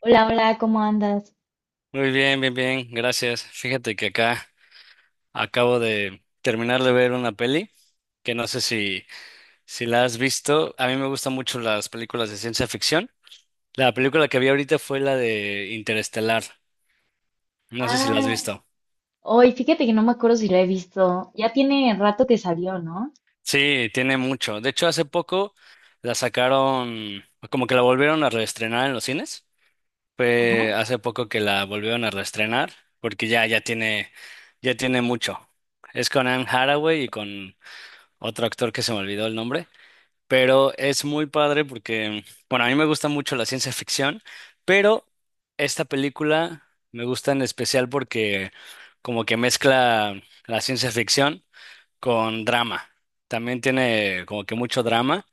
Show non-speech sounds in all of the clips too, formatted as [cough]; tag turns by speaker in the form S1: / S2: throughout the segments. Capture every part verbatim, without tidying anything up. S1: Hola, hola, ¿cómo andas?
S2: Muy bien, bien, bien, gracias. Fíjate que acá acabo de terminar de ver una peli que no sé si, si la has visto. A mí me gustan mucho las películas de ciencia ficción. La película que vi ahorita fue la de Interestelar. No sé si la has
S1: Ah,
S2: visto.
S1: hoy fíjate que no me acuerdo si la he visto. Ya tiene rato que salió, ¿no?
S2: Sí, tiene mucho. De hecho, hace poco la sacaron, como que la volvieron a reestrenar en los cines. Fue
S1: Ajá.
S2: hace poco que la volvieron a reestrenar porque ya, ya tiene, ya tiene mucho. Es con Anne Hathaway y con otro actor que se me olvidó el nombre, pero es muy padre porque, bueno, a mí me gusta mucho la ciencia ficción, pero esta película me gusta en especial porque como que mezcla la ciencia ficción con drama. También tiene como que mucho drama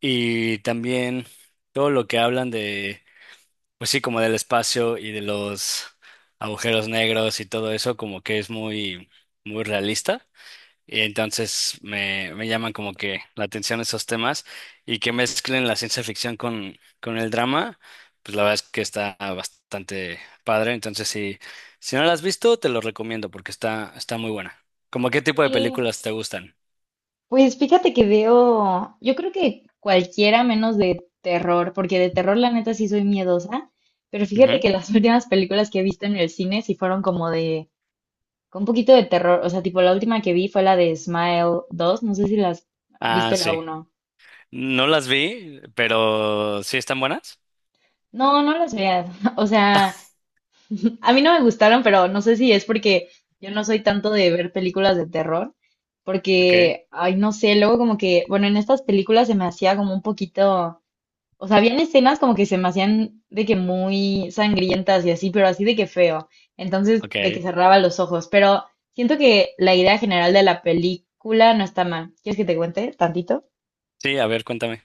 S2: y también todo lo que hablan de, pues sí, como del espacio y de los agujeros negros y todo eso, como que es muy, muy realista. Y entonces me, me llaman como que la atención esos temas y que mezclen la ciencia ficción con, con el drama, pues la verdad es que está bastante padre. Entonces, si, si no la has visto, te lo recomiendo porque está, está muy buena. ¿Cómo qué tipo de
S1: Sí.
S2: películas te gustan?
S1: Pues fíjate que veo, yo creo que cualquiera menos de terror, porque de terror la neta sí soy miedosa, pero fíjate
S2: Ujú.
S1: que las [laughs] últimas películas que he visto en el cine sí fueron como de, con un poquito de terror, o sea, tipo la última que vi fue la de Smile dos, no sé si las
S2: Ah,
S1: viste la
S2: sí.
S1: uno.
S2: No las vi, pero sí están buenas.
S1: No, no las veas, [laughs] o sea... A mí no me gustaron, pero no sé si es porque yo no soy tanto de ver películas de terror,
S2: Ok,
S1: porque, ay, no sé, luego como que, bueno, en estas películas se me hacía como un poquito, o sea, habían escenas como que se me hacían de que muy sangrientas y así, pero así de que feo, entonces de que
S2: ok.
S1: cerraba los ojos, pero siento que la idea general de la película no está mal. ¿Quieres que te cuente tantito?
S2: Sí, a ver, cuéntame.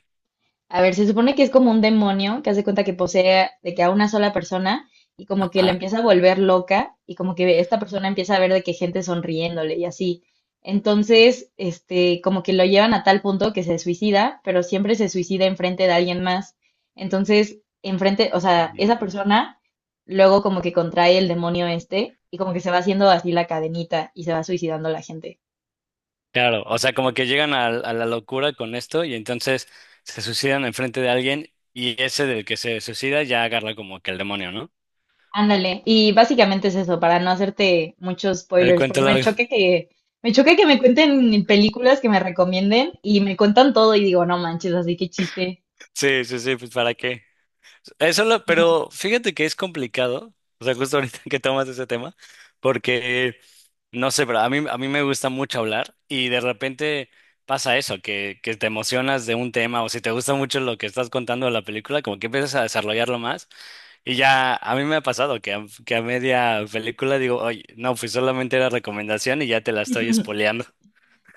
S1: A ver, se supone que es como un demonio que hace cuenta que posee de que a una sola persona y como que la
S2: Ajá.
S1: empieza a volver loca y como que esta persona empieza a ver de que gente sonriéndole y así. Entonces, este, como que lo llevan a tal punto que se suicida, pero siempre se suicida enfrente de alguien más. Entonces, enfrente, o sea, esa persona luego como que contrae el demonio este y como que se va haciendo así la cadenita y se va suicidando la gente.
S2: Claro, o sea, como que llegan a, a la locura con esto y entonces se suicidan enfrente de alguien y ese del que se suicida ya agarra como que el demonio, ¿no?
S1: Ándale, y básicamente es eso, para no hacerte muchos
S2: El
S1: spoilers,
S2: cuento
S1: porque me
S2: largo.
S1: choca
S2: [laughs]
S1: que, me choca que me cuenten películas que me recomienden y me cuentan todo y digo, no manches, así que chiste.
S2: Sí, sí, sí, pues ¿para qué? Eso lo,
S1: Sí.
S2: pero fíjate que es complicado, o sea, justo ahorita [laughs] que tomas ese tema, porque no sé, pero a mí, a mí me gusta mucho hablar y de repente pasa eso, que, que te emocionas de un tema o si te gusta mucho lo que estás contando de la película, como que empiezas a desarrollarlo más y ya a mí me ha pasado que a, que a media película digo, oye, no, pues solamente era recomendación y ya te la estoy
S1: [laughs]
S2: spoileando. [laughs]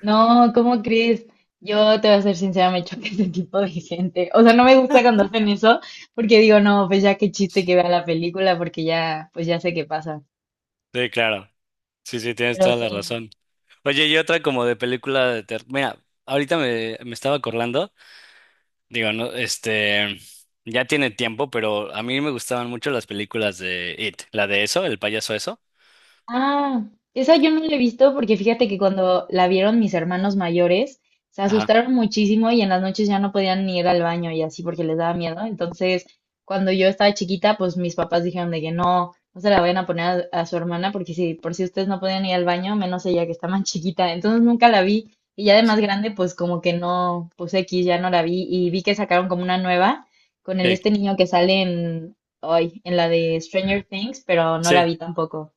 S1: No, ¿cómo crees? Yo te voy a ser sincera, me choca [laughs] ese tipo de gente. O sea, no me gusta cuando hacen eso, porque digo, no, pues ya qué chiste que vea la película, porque ya, pues ya sé qué pasa.
S2: Sí, claro, sí, sí, tienes
S1: Pero
S2: toda la
S1: sí.
S2: razón. Oye, y otra como de película de terror, mira, ahorita me, me estaba acordando. Digo, no, este, ya tiene tiempo, pero a mí me gustaban mucho las películas de It, la de eso, el payaso eso.
S1: Ah, esa yo no la he visto porque fíjate que cuando la vieron mis hermanos mayores, se
S2: Ajá,
S1: asustaron muchísimo y en las noches ya no podían ni ir al baño y así porque les daba miedo. Entonces, cuando yo estaba chiquita, pues mis papás dijeron de que no, no se la vayan a poner a, a su hermana porque si por si ustedes no podían ir al baño, menos ella que está más [laughs] chiquita. Entonces nunca la vi y ya de más grande, pues como que no, pues X, ya no la vi y vi que sacaron como una nueva con el
S2: sí,
S1: este niño que sale en, hoy, en la de Stranger Things, pero no la
S2: sí.
S1: vi tampoco.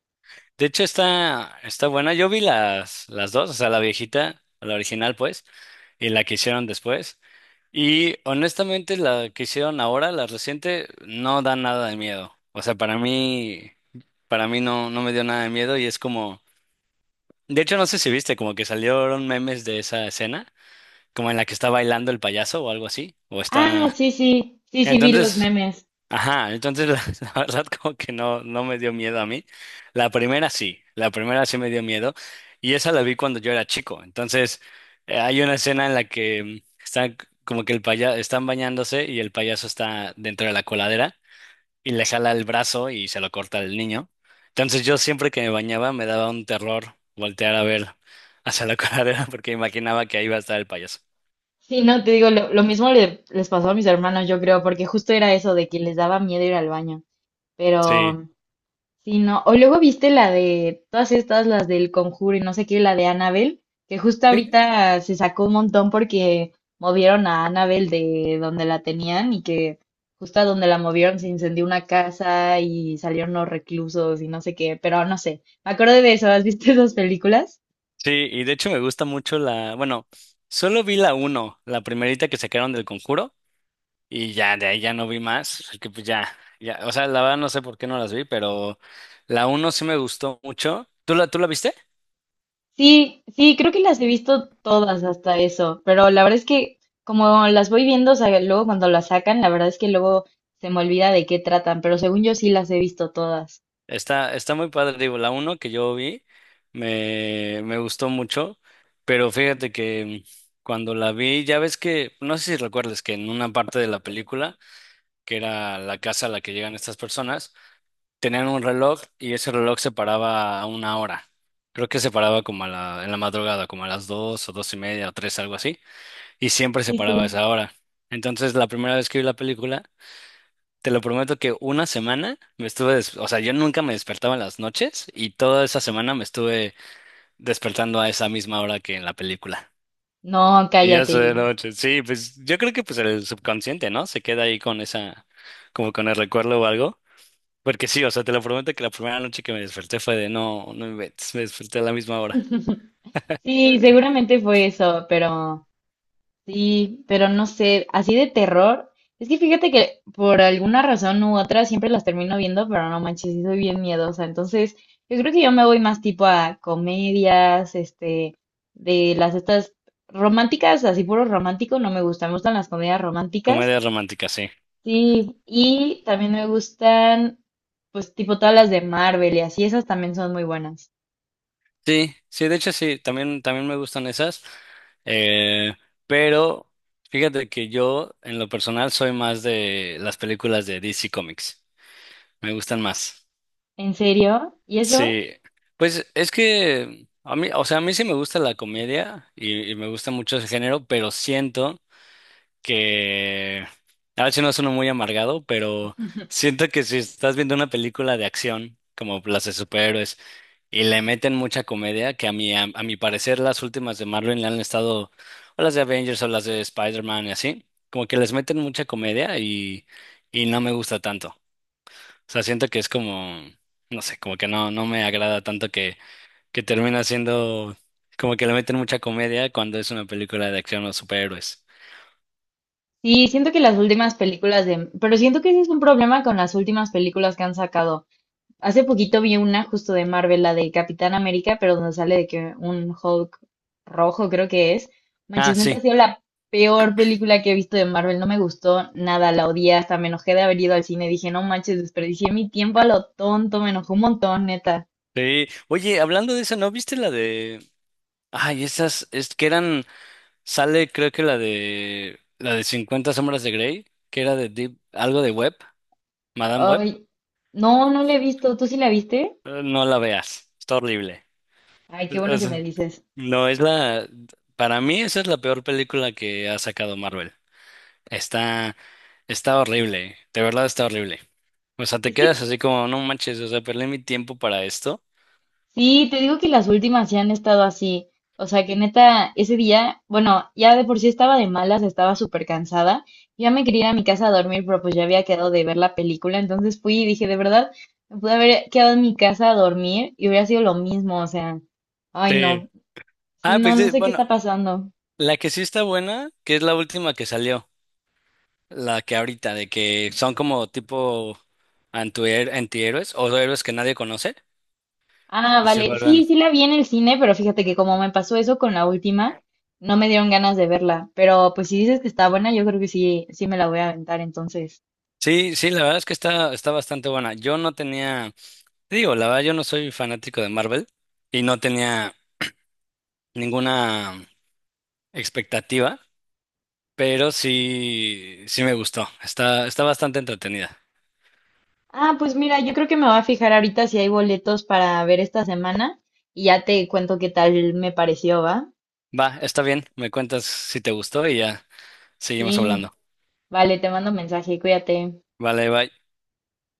S2: De hecho está, está buena. Yo vi las, las dos, o sea, la viejita, la original, pues, y la que hicieron después. Y honestamente, la que hicieron ahora, la reciente, no da nada de miedo. O sea, para mí, para mí no, no me dio nada de miedo y es como, de hecho, no sé si viste, como que salieron memes de esa escena. Como en la que está bailando el payaso o algo así, o
S1: Ah,
S2: está...
S1: sí, sí, sí, sí, vi los
S2: Entonces,
S1: memes.
S2: ajá, entonces la, [laughs] la verdad como que no, no me dio miedo a mí. La primera sí, la primera sí me dio miedo y esa la vi cuando yo era chico. Entonces, eh, hay una escena en la que mm, están c- como que el paya están bañándose y el payaso está dentro de la coladera y le jala el brazo y se lo corta el niño. Entonces yo siempre que me bañaba me daba un terror voltear a ver hacia la [laughs] coladera porque imaginaba que ahí iba a estar el payaso.
S1: Sí, no, te digo, lo, lo mismo le- les pasó a mis hermanos, yo creo, porque justo era eso de que les daba miedo ir al baño.
S2: Sí.
S1: Pero, sí, no. O luego viste la de todas estas, las del Conjuro y no sé qué, la de Annabelle, que justo ahorita se sacó un montón porque movieron a Annabelle de donde la tenían y que justo a donde la movieron se incendió una casa y salieron los reclusos y no sé qué, pero no sé. Me acuerdo de eso, ¿has visto esas películas?
S2: Sí, y de hecho me gusta mucho la, bueno, solo vi la uno, la primerita que sacaron del Conjuro, y ya de ahí ya no vi más, así que pues ya, ya, o sea, la verdad no sé por qué no las vi, pero la uno sí me gustó mucho. ¿Tú la, tú la viste?
S1: Sí, sí, creo que las he visto todas hasta eso, pero la verdad es que como las voy viendo, o sea, luego cuando las sacan, la verdad es que luego se me olvida de qué tratan, pero según yo sí las he visto todas.
S2: Está, está muy padre, digo, la uno que yo vi me, me gustó mucho, pero fíjate que cuando la vi, ya ves que, no sé si recuerdas que en una parte de la película, que era la casa a la que llegan estas personas, tenían un reloj y ese reloj se paraba a una hora. Creo que se paraba como a la, en la madrugada, como a las dos o dos y media o tres, algo así. Y siempre se
S1: Sí,
S2: paraba a
S1: sí.
S2: esa hora. Entonces, la primera vez que vi la película, te lo prometo que una semana me estuve, des- o sea, yo nunca me despertaba en las noches y toda esa semana me estuve despertando a esa misma hora que en la película.
S1: No,
S2: Y ya
S1: cállate.
S2: soy de noche. Sí, pues yo creo que pues el subconsciente, ¿no? Se queda ahí con esa, como con el recuerdo o algo. Porque sí, o sea, te lo prometo que la primera noche que me desperté fue de no, no inventes, me desperté a la misma hora.
S1: [laughs] Sí, seguramente fue eso, pero... Sí, pero no sé, así de terror. Es que fíjate que por alguna razón u otra siempre las termino viendo, pero no manches, sí soy bien miedosa. Entonces, yo creo que yo me voy más tipo a comedias, este, de las estas románticas, así puro romántico, no me gustan, me gustan las comedias románticas.
S2: Comedia romántica, sí.
S1: Sí, y también me gustan, pues tipo todas las de Marvel y así, esas también son muy buenas.
S2: Sí, sí, de hecho sí, también, también me gustan esas. Eh, pero fíjate que yo, en lo personal, soy más de las películas de D C Comics. Me gustan más.
S1: ¿En serio? ¿Y eso?
S2: Sí, pues es que a mí, o sea, a mí sí me gusta la comedia y, y me gusta mucho ese género, pero siento que a ver si no suena muy amargado, pero siento que si estás viendo una película de acción, como las de superhéroes, y le meten mucha comedia, que a mi, a, a mi parecer las últimas de Marvel le han estado, o las de Avengers o las de Spider-Man y así, como que les meten mucha comedia y, y no me gusta tanto. O sea, siento que es como, no sé, como que no, no me agrada tanto que, que termina siendo como que le meten mucha comedia cuando es una película de acción o superhéroes.
S1: Sí, siento que las últimas películas de... Pero siento que ese es un problema con las últimas películas que han sacado. Hace poquito vi una justo de Marvel, la de Capitán América, pero donde sale de que un Hulk rojo creo que es.
S2: Ah,
S1: Manches, neta ha
S2: sí.
S1: sido la peor película que he visto de Marvel. No me gustó nada, la odié, hasta me enojé de haber ido al cine. Dije, no manches, desperdicié mi tiempo a lo tonto, me enojó un montón, neta.
S2: Sí. Oye, hablando de esa, ¿no viste la de... Ay, esas, es que eran, sale creo que la de, la de cincuenta sombras de Grey, que era de Deep, algo de Web, Madame Web.
S1: Ay, no, no la he visto. ¿Tú sí la viste?
S2: Eh, No la veas, está horrible.
S1: Ay, qué
S2: O
S1: bueno que
S2: sea,
S1: me dices.
S2: no, es la, para mí esa es la peor película que ha sacado Marvel. Está, está horrible, de verdad está horrible. O sea, te
S1: Es
S2: quedas
S1: que
S2: así como, no manches, o sea, perdí mi tiempo para esto.
S1: sí, te digo que las últimas sí han estado así. O sea, que neta, ese día, bueno, ya de por sí estaba de malas, estaba súper cansada. Ya me quería ir a mi casa a dormir, pero pues ya había quedado de ver la película. Entonces fui y dije, de verdad, me pude haber quedado en mi casa a dormir y hubiera sido lo mismo. O sea, ay, no.
S2: Sí.
S1: Sí,
S2: Ah,
S1: no,
S2: pues
S1: no
S2: sí,
S1: sé qué
S2: bueno,
S1: está pasando.
S2: la que sí está buena, que es la última que salió. La que ahorita, de que son como tipo antuher- antihéroes o héroes que nadie conoce
S1: Ah,
S2: y se
S1: vale.
S2: vuelven.
S1: Sí, sí la vi en el cine, pero fíjate que como me pasó eso con la última, no me dieron ganas de verla. Pero pues si dices que está buena, yo creo que sí, sí me la voy a aventar entonces.
S2: Sí, sí, la verdad es que está, está bastante buena. Yo no tenía, te digo, la verdad yo no soy fanático de Marvel y no tenía ninguna expectativa, pero sí, sí me gustó. Está, está bastante entretenida.
S1: Ah, pues mira, yo creo que me voy a fijar ahorita si hay boletos para ver esta semana y ya te cuento qué tal me pareció, ¿va?
S2: Va, está bien, me cuentas si te gustó y ya seguimos
S1: Sí,
S2: hablando.
S1: vale, te mando mensaje, cuídate.
S2: Vale, bye.